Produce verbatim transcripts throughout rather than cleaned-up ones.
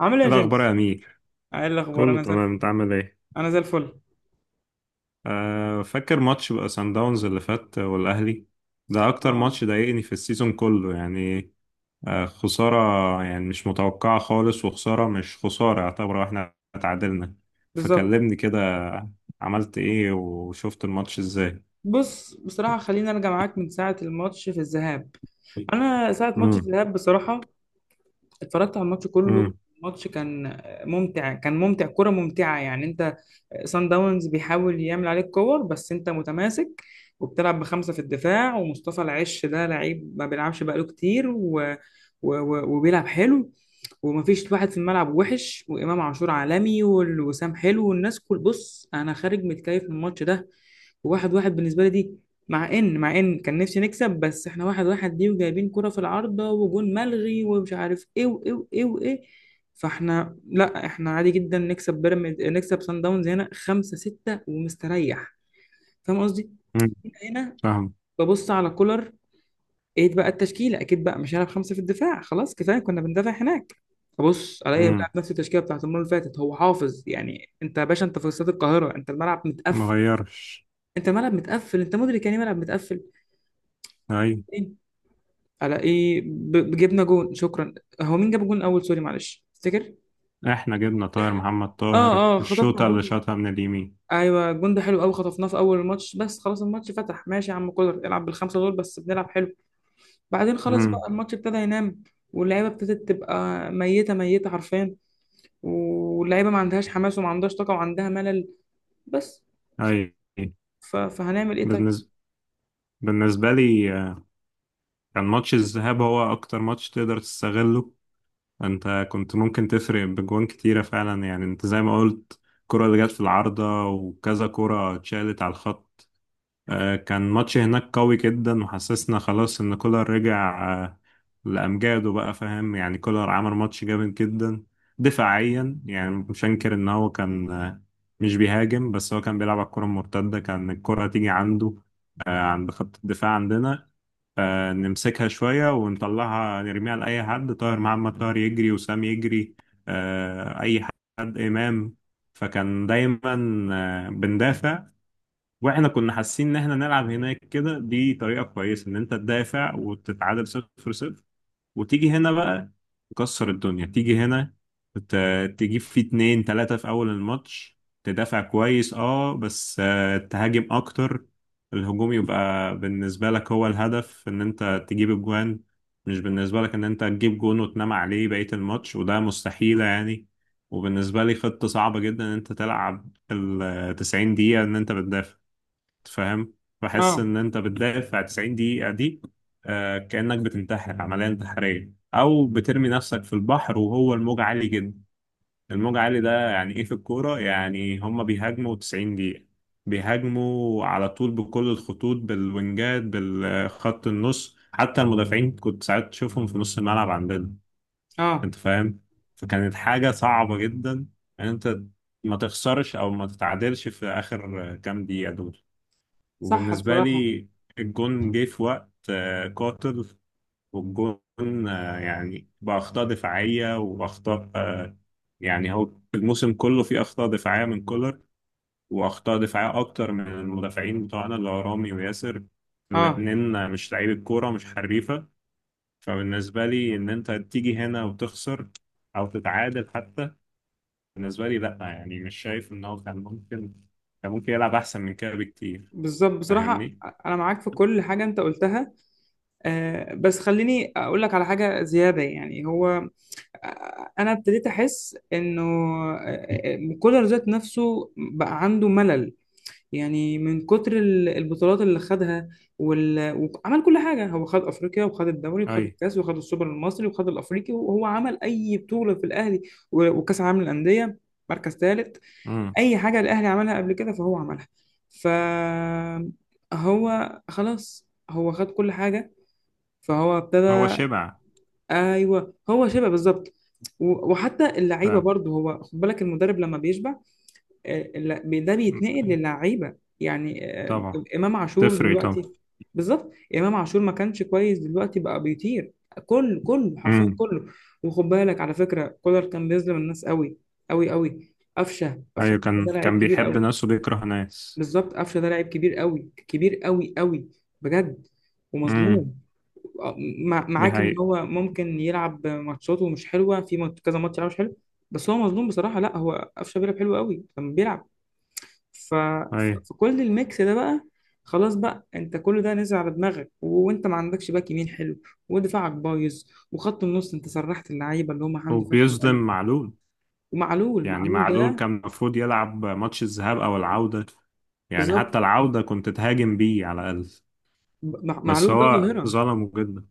عامل ايه يا إيه الأخبار يا جيمس؟ أمير. ايه الاخبار؟ كله انا زي تمام، الفل. أنت عامل إيه؟ انا زي الفل. آه فاكر ماتش بقى سان داونز اللي فات والأهلي. ده أكتر اه. ماتش ضايقني في السيزون كله يعني. آه، خسارة. يعني مش متوقعة خالص، وخسارة مش خسارة، يعتبر إحنا اتعادلنا. بالظبط. فكلمني كده. عملت إيه وشفت الماتش إزاي؟ بص، بصراحه خليني ارجع معاك من ساعه الماتش في الذهاب. انا ساعه ماتش امم. الذهاب بصراحه اتفرجت على الماتش كله. امم. الماتش كان ممتع كان ممتع، كره ممتعه يعني. انت سان داونز بيحاول يعمل عليك كور، بس انت متماسك وبتلعب بخمسة في الدفاع. ومصطفى العش ده لعيب ما بيلعبش بقاله كتير و... و... و... وبيلعب حلو. ومفيش واحد في الملعب وحش، وامام عاشور عالمي، والوسام حلو، والناس كل. بص، انا خارج متكيف من الماتش ده. وواحد واحد بالنسبة لي دي. مع ان مع ان كان نفسي نكسب، بس احنا واحد واحد دي وجايبين كرة في العارضة وجون ملغي ومش عارف ايه وايه وايه وايه. فاحنا لا، احنا عادي جدا نكسب بيراميدز، نكسب سان داونز هنا خمسة ستة ومستريح. فاهم قصدي؟ امم. هنا هنا فاهم. ببص على كولر. ايه بقى التشكيلة؟ اكيد بقى مش هيلعب خمسة في الدفاع، خلاص كفايه كنا بندافع هناك. بص الاقي بيلعب امم نفس التشكيله بتاعت المره اللي فاتت. هو حافظ يعني. انت يا باشا انت في استاد القاهره، انت الملعب متقفل. مغيرش. انت الملعب متقفل، انت مدرك يعني إيه ملعب متقفل. أي. الاقيه ب- جبنا جون. شكرا. هو مين جاب الجون الاول؟ سوري معلش، تفتكر؟ إحنا جبنا طاهر محمد طاهر، اه، اه، خطفنا الشوطة اللي جون. شاطها من اليمين. ايوه الجون ده حلو قوي، خطفناه في اول الماتش. بس خلاص الماتش فتح. ماشي يا عم كولر، العب بالخمسه دول بس بنلعب حلو. بعدين خلاص بقى امم. الماتش ابتدى ينام. واللعيبه ابتدت تبقى ميته ميته حرفيا. واللعيبه ما عندهاش حماس وما عندهاش طاقه وعندها ملل بس. أي. ف... فهنعمل ايه طيب؟ بالنسبة بالنسبة لي آه، كان ماتش الذهاب هو أكتر ماتش تقدر تستغله. أنت كنت ممكن تفرق بجوان كتيرة فعلا، يعني أنت زي ما قلت، الكرة اللي جت في العارضة وكذا كرة اتشالت على الخط. آه، كان ماتش هناك قوي جدا، وحسسنا خلاص إن كولر رجع آه، لأمجاده بقى، فاهم؟ يعني كولر عمل ماتش جامد جدا دفاعيا. يعني مش هنكر إن هو كان آه، مش بيهاجم، بس هو كان بيلعب على الكرة المرتدة. كان الكرة تيجي عنده آه، عند خط الدفاع عندنا، آه، نمسكها شوية ونطلعها، نرميها لأي حد، طاهر محمد طاهر يجري، وسام يجري، آه، أي حد، إمام. فكان دايما آه، بندافع. واحنا كنا حاسين ان احنا نلعب هناك كده، دي طريقة كويسة ان انت تدافع وتتعادل صفر صفر، وتيجي هنا بقى تكسر الدنيا. تيجي هنا ت- تجيب فيه اتنين تلاتة في أول الماتش، تدافع كويس اه، بس آه، تهاجم أكتر. الهجوم يبقى بالنسبة لك هو الهدف، إن أنت تجيب الجوان، مش بالنسبة لك إن أنت تجيب جون وتنام عليه بقية الماتش، وده مستحيلة يعني. وبالنسبة لي خطة صعبة جدا إن أنت تلعب التسعين دقيقة إن أنت بتدافع، فاهم؟ بحس اه، ان انت بتدافع 90 دقيقة دي، آه، كأنك بتنتحر، عملية انتحارية، او بترمي نفسك في البحر وهو الموج عالي جدا. الموج عالي ده يعني ايه في الكورة؟ يعني هما بيهاجموا 90 دقيقة، بيهاجموا على طول بكل الخطوط، بالوينجات، بالخط النص، حتى المدافعين كنت ساعات تشوفهم في نص الملعب عندنا. اه، انت فاهم؟ فكانت حاجة صعبة جدا ان انت ما تخسرش او ما تتعادلش في اخر كام دقيقة دول. صح وبالنسبة بصراحه. لي الجون جه في وقت آه، قاتل. والجون آه، يعني بأخطاء دفاعية وأخطاء، آه، يعني هو الموسم كله فيه أخطاء دفاعية من كولر، وأخطاء دفاعية أكتر من المدافعين بتوعنا اللي هو رامي وياسر. اه. الاتنين آه، مش لعيبة كورة، مش حريفة. فبالنسبة لي إن أنت تيجي هنا وتخسر أو تتعادل حتى، بالنسبة لي لأ. يعني مش شايف إن هو كان ممكن كان ممكن يلعب أحسن من كده بكتير. بالظبط بصراحه، فاهمني؟ انا معاك في كل حاجه انت قلتها. آه، بس خليني اقول لك على حاجه زياده. يعني هو، آه، انا ابتديت احس انه، آه، آه، كولر ذات نفسه بقى عنده ملل، يعني من كتر ال- البطولات اللي خدها. وال... وعمل كل حاجه. هو خد افريقيا، وخد الدوري، اي. وخد الكاس، وخد السوبر المصري، وخد الافريقي، وهو عمل اي بطوله في الاهلي، و- وكاس العالم للانديه مركز ثالث. اي حاجه الاهلي عملها قبل كده فهو عملها. ف هو خلاص، هو خد كل حاجه، فهو هو ابتدى. شبع. ايوه هو شبه بالظبط. و- وحتى اللعيبه فاهم. برضه، هو خد بالك المدرب لما بيشبع، آه، لا- بي- ده م- بيتنقل للعيبه يعني. آه، طبعا. امام عاشور تفرق طبعا. دلوقتي. بالظبط، امام عاشور ما كانش كويس، دلوقتي بقى بيطير. كله كله حرفيا امم. كله. وخد بالك على فكره، كولر كان بيظلم الناس قوي قوي قوي. قفشه، قفشه ايوه، كان ده لعيب كان كبير بيحب قوي. ناس وبيكره ناس. بالظبط، قفشه ده لاعب كبير قوي، كبير قوي قوي، بجد. امم. ومظلوم. آه، مع- دي معاك ان حقيقة. هو ممكن يلعب ماتشاته مش حلوه، في مات- كذا ماتش يلعب مش حلو، بس هو مظلوم بصراحه. لا هو قفشه بيلعب حلو قوي لما بيلعب. ف... ف- ايوه. فكل الميكس ده بقى خلاص بقى، انت كل ده نزل على دماغك، وانت ما عندكش باك يمين حلو، ودفاعك بايظ، وخط النص انت سرحت اللعيبه اللي هم حمدي فتحي وبيظلم وقلي. معلول. ومعلول، يعني معلول معلول ده، كان المفروض يلعب ماتش الذهاب او العودة، يعني حتى بالظبط. العودة كنت تهاجم بيه على الأقل. ب- مع- بس معلول ده هو ظاهره. ظلمه جدا.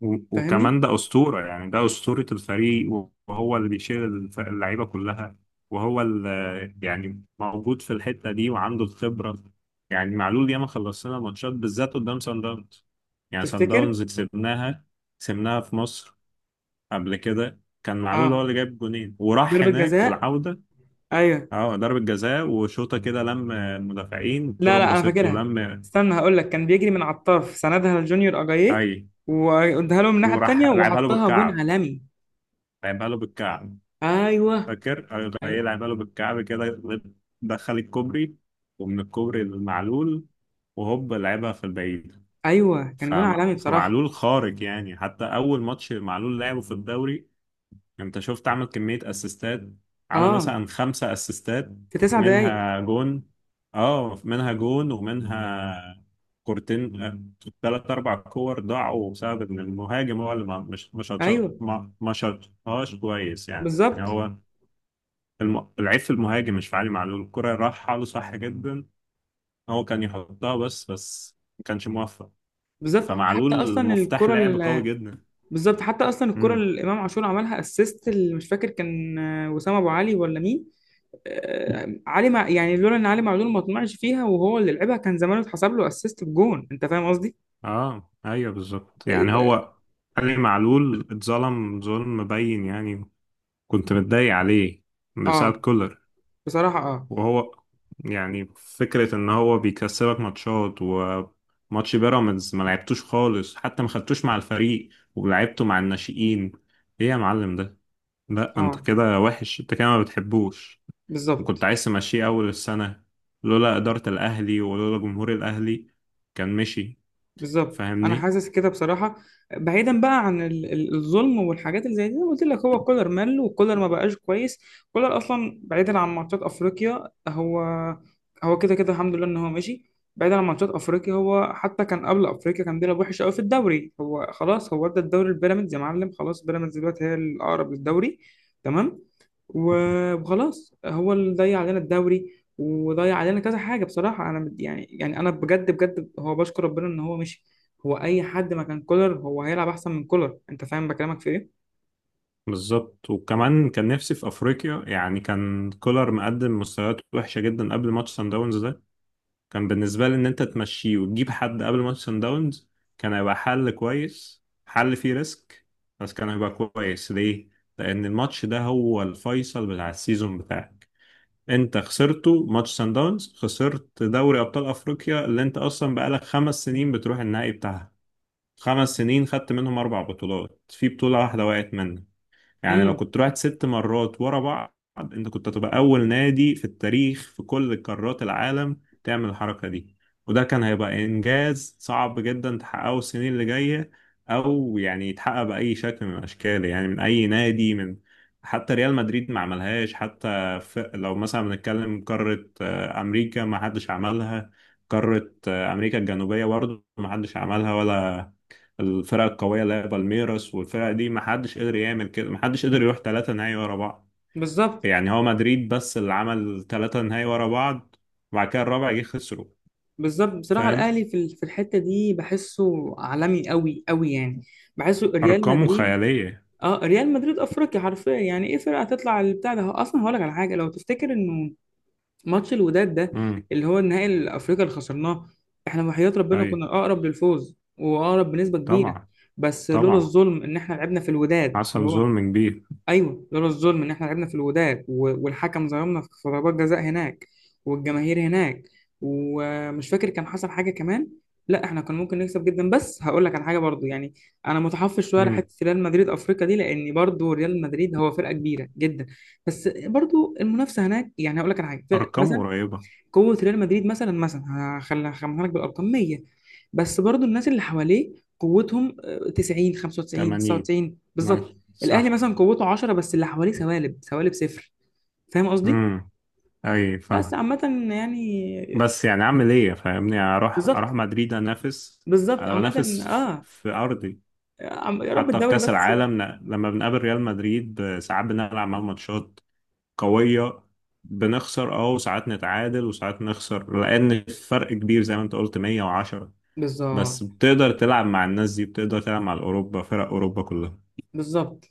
و- وكمان فاهمني؟ ده أسطورة، يعني ده أسطورة الفريق، وهو اللي بيشيل الف- اللعيبة كلها، وهو اللي يعني موجود في الحتة دي وعنده الخبرة. يعني معلول ياما خلصنا ماتشات بالذات قدام سان داونز. يعني سان تفتكر؟ داونز كسبناها، كسبناها في مصر. قبل كده كان معلول اه، هو اللي جايب جونين وراح ضربة هناك جزاء. العودة. ايوه. اه، ضربة جزاء وشوطة كده، لم المدافعين الكرة لا لا، انا اتبسط له فاكرها. لم. استنى هقول لك. كان بيجري من على الطرف، سندها لجونيور اجاييه، اي. واداها له من الناحية وراح التانية، لعبها له وحطها جون بالكعب، عالمي. لعبها له بالكعب. ايوه. فاكر راح ايوه. يلعب قلب الكعب كده. دخل الكوبري، ومن الكوبري المعلول، وهوب لعبها في البعيد. ايوه كان جون فم... عالمي بصراحة. فمعلول خارج. يعني حتى أول ماتش معلول لعبه في الدوري أنت شفت، عمل كمية أسيستات. عمل اه، مثلا خمسة أسيستات، في تسع دقايق. منها جون. اه، منها جون، ومنها كورتين، ثلاث أربع كور ضاعوا بسبب إن المهاجم هو اللي ما مش مش ايوه، ما شاطهاش كويس يعني. يعني بالظبط. هو الم... العيب في المهاجم، مش في علي معلول. الكرة راحة له صح جدا، هو كان يحطها بس، بس ما كانش موفق. بالظبط، حتى فمعلول اصلا مفتاح الكرة لعب قوي ال- جدا. بالظبط، حتى اصلا الكرة امم. اللي امام عاشور عملها اسيست، اللي مش فاكر كان آه، وسام ابو علي ولا مين. آه، علي مع يعني لولا ان علي معلول ما طمعش فيها وهو اللي لعبها، كان زمانه اتحسب له اسيست بجون. انت فاهم قصدي؟ اه، ايوه بالظبط. يعني هو علي معلول اتظلم ظلم مبين يعني. كنت متضايق عليه بسبب اه، كولر. بصراحة. اه، وهو يعني فكرة ان هو بيكسبك ماتشات، وماتش بيراميدز ما لعبتوش خالص، حتى ما خدتوش مع الفريق ولعبته مع الناشئين. ايه يا معلم ده؟ لا انت اه، كده وحش، انت كده ما بتحبوش. بالظبط. وكنت عايز تمشيه اول السنة، لولا إدارة الأهلي ولولا جمهور الأهلي كان مشي. بالظبط، انا فاهمني؟ حاسس كده بصراحة. بعيدا بقى عن ال- ال- الظلم والحاجات اللي زي دي، أنا قلت لك هو كولر مل، وكولر ما بقاش كويس. كولر اصلا بعيدا عن ماتشات افريقيا، هو هو كده كده الحمد لله ان هو ماشي. بعيدا عن ماتشات افريقيا، هو حتى كان قبل افريقيا كان بيلعب وحش قوي في الدوري. هو خلاص، هو ادى الدوري لبيراميدز يا معلم. خلاص بيراميدز دلوقتي هي الاقرب للدوري، تمام. و- وخلاص هو اللي ضيع علينا الدوري، وضيع علينا كذا حاجة بصراحة. أنا مد- يعني يعني أنا بجد بجد، هو بشكر ربنا إن هو مشي. هو أي حد ما كان كولر، هو هيلعب أحسن من كولر. أنت فاهم بكلامك في إيه؟ بالظبط. وكمان كان نفسي في أفريقيا. يعني كان كولر مقدم مستويات وحشة جدا قبل ماتش سان داونز ده. كان بالنسبة لي إن أنت تمشيه وتجيب حد قبل ماتش سان داونز، كان هيبقى حل كويس، حل فيه ريسك، بس كان هيبقى كويس. ليه؟ لأن الماتش ده هو الفيصل بتاع السيزون بتاعك. انت خسرته ماتش سان داونز، خسرت دوري ابطال افريقيا اللي انت اصلا بقالك خمس سنين بتروح النهائي بتاعها. خمس سنين خدت منهم اربع بطولات، في بطولة واحدة وقعت منك. يعني لو امم. كنت رحت ست مرات ورا بعض، انت كنت هتبقى اول نادي في التاريخ في كل قارات العالم تعمل الحركة دي. وده كان هيبقى انجاز صعب جدا تحققه السنين اللي جاية، او يعني يتحقق بأي شكل من الاشكال، يعني من اي نادي. من حتى ريال مدريد ما عملهاش. حتى في لو مثلا بنتكلم قارة آه، امريكا، ما حدش عملها. قارة آه، امريكا الجنوبية برضه ما حدش عملها، ولا الفرق القوية اللي هي بالميراس والفرق دي ما حدش قدر يعمل كده. ما حدش قدر يروح ثلاثة نهائي ورا بعض. بالظبط. يعني هو مدريد بس اللي عمل ثلاثة نهائي ورا بعض، وبعد كده الرابع جه خسره. بالظبط بصراحة، فاهم. الأهلي في ال- في الحتة دي بحسه عالمي قوي قوي يعني. بحسه ريال أرقامه مدريد. خيالية. اه ريال مدريد افريقيا حرفيا، يعني ايه فرقه؟ هتطلع البتاع ده. هو اصلا هقول لك على حاجه، لو تفتكر انه ماتش الوداد ده، امم. اللي هو النهائي الافريقي اللي خسرناه، احنا وحياة ربنا أي. كنا اقرب للفوز واقرب بنسبه كبيره. طبعا. بس لولا طبعا، الظلم ان احنا لعبنا في الوداد اللي حصل هو، ظلم كبير. ايوه لولا الظلم ان احنا لعبنا في الوداد و- والحكم ظلمنا في ضربات جزاء هناك، والجماهير هناك، ومش فاكر كان حصل حاجه كمان. لا احنا كان ممكن نكسب جدا. بس هقول لك على حاجه برضو يعني، انا متحفظ شويه على امم. حته ريال مدريد افريقيا دي، لان برضو ريال مدريد هو فرقه كبيره جدا. بس برضو المنافسه هناك، يعني هقول لك على حاجه، فرق- أرقامه مثلا قريبة. قوة ريال مدريد مثلا مثلا هخلي هخمنها لك بالأرقام مية. بس برضو الناس اللي حواليه قوتهم آه، تسعين، خمسة وتسعين، تمانين. تسعة وتسعين ماشي، بالظبط. الأهلي صح. مثلا قوته عشرة، بس اللي حواليه سوالب سوالب صفر. فاهم قصدي؟ امم. أي بس فاهم. عامة يعني. بس يعني أعمل إيه؟ فاهمني؟ أروح أروح بالظبط. مدريد أنافس؟ بالظبط أنا عامة، بنافس في اه. في أرضي. عم- يا رب حتى في الدوري كأس بس. العالم، ن- لما بنقابل ريال مدريد، آه، ساعات بنلعب معاهم ماتشات قوية، بنخسر اه، وساعات نتعادل، وساعات نخسر، لأن الفرق كبير زي ما انت قلت، مية وعشرة. بالظبط. بس بتقدر تلعب مع الناس دي، بتقدر تلعب مع الأوروبا، فرق أوروبا كلها. بالظبط،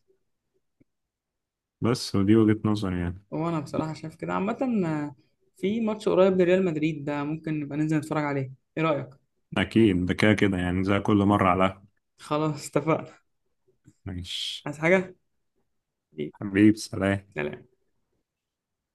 بس ودي وجهة نظري يعني. وأنا بصراحة شايف كده عامة. آه، في ماتش قريب لريال مدريد ده ممكن نبقى ننزل نتفرج عليه. ايه رأيك؟ أكيد ده كده كده، يعني زي كل مرة على. خلاص اتفقنا. ماشي. عايز حاجة؟ حبيبي. حبيب سلام. سلام.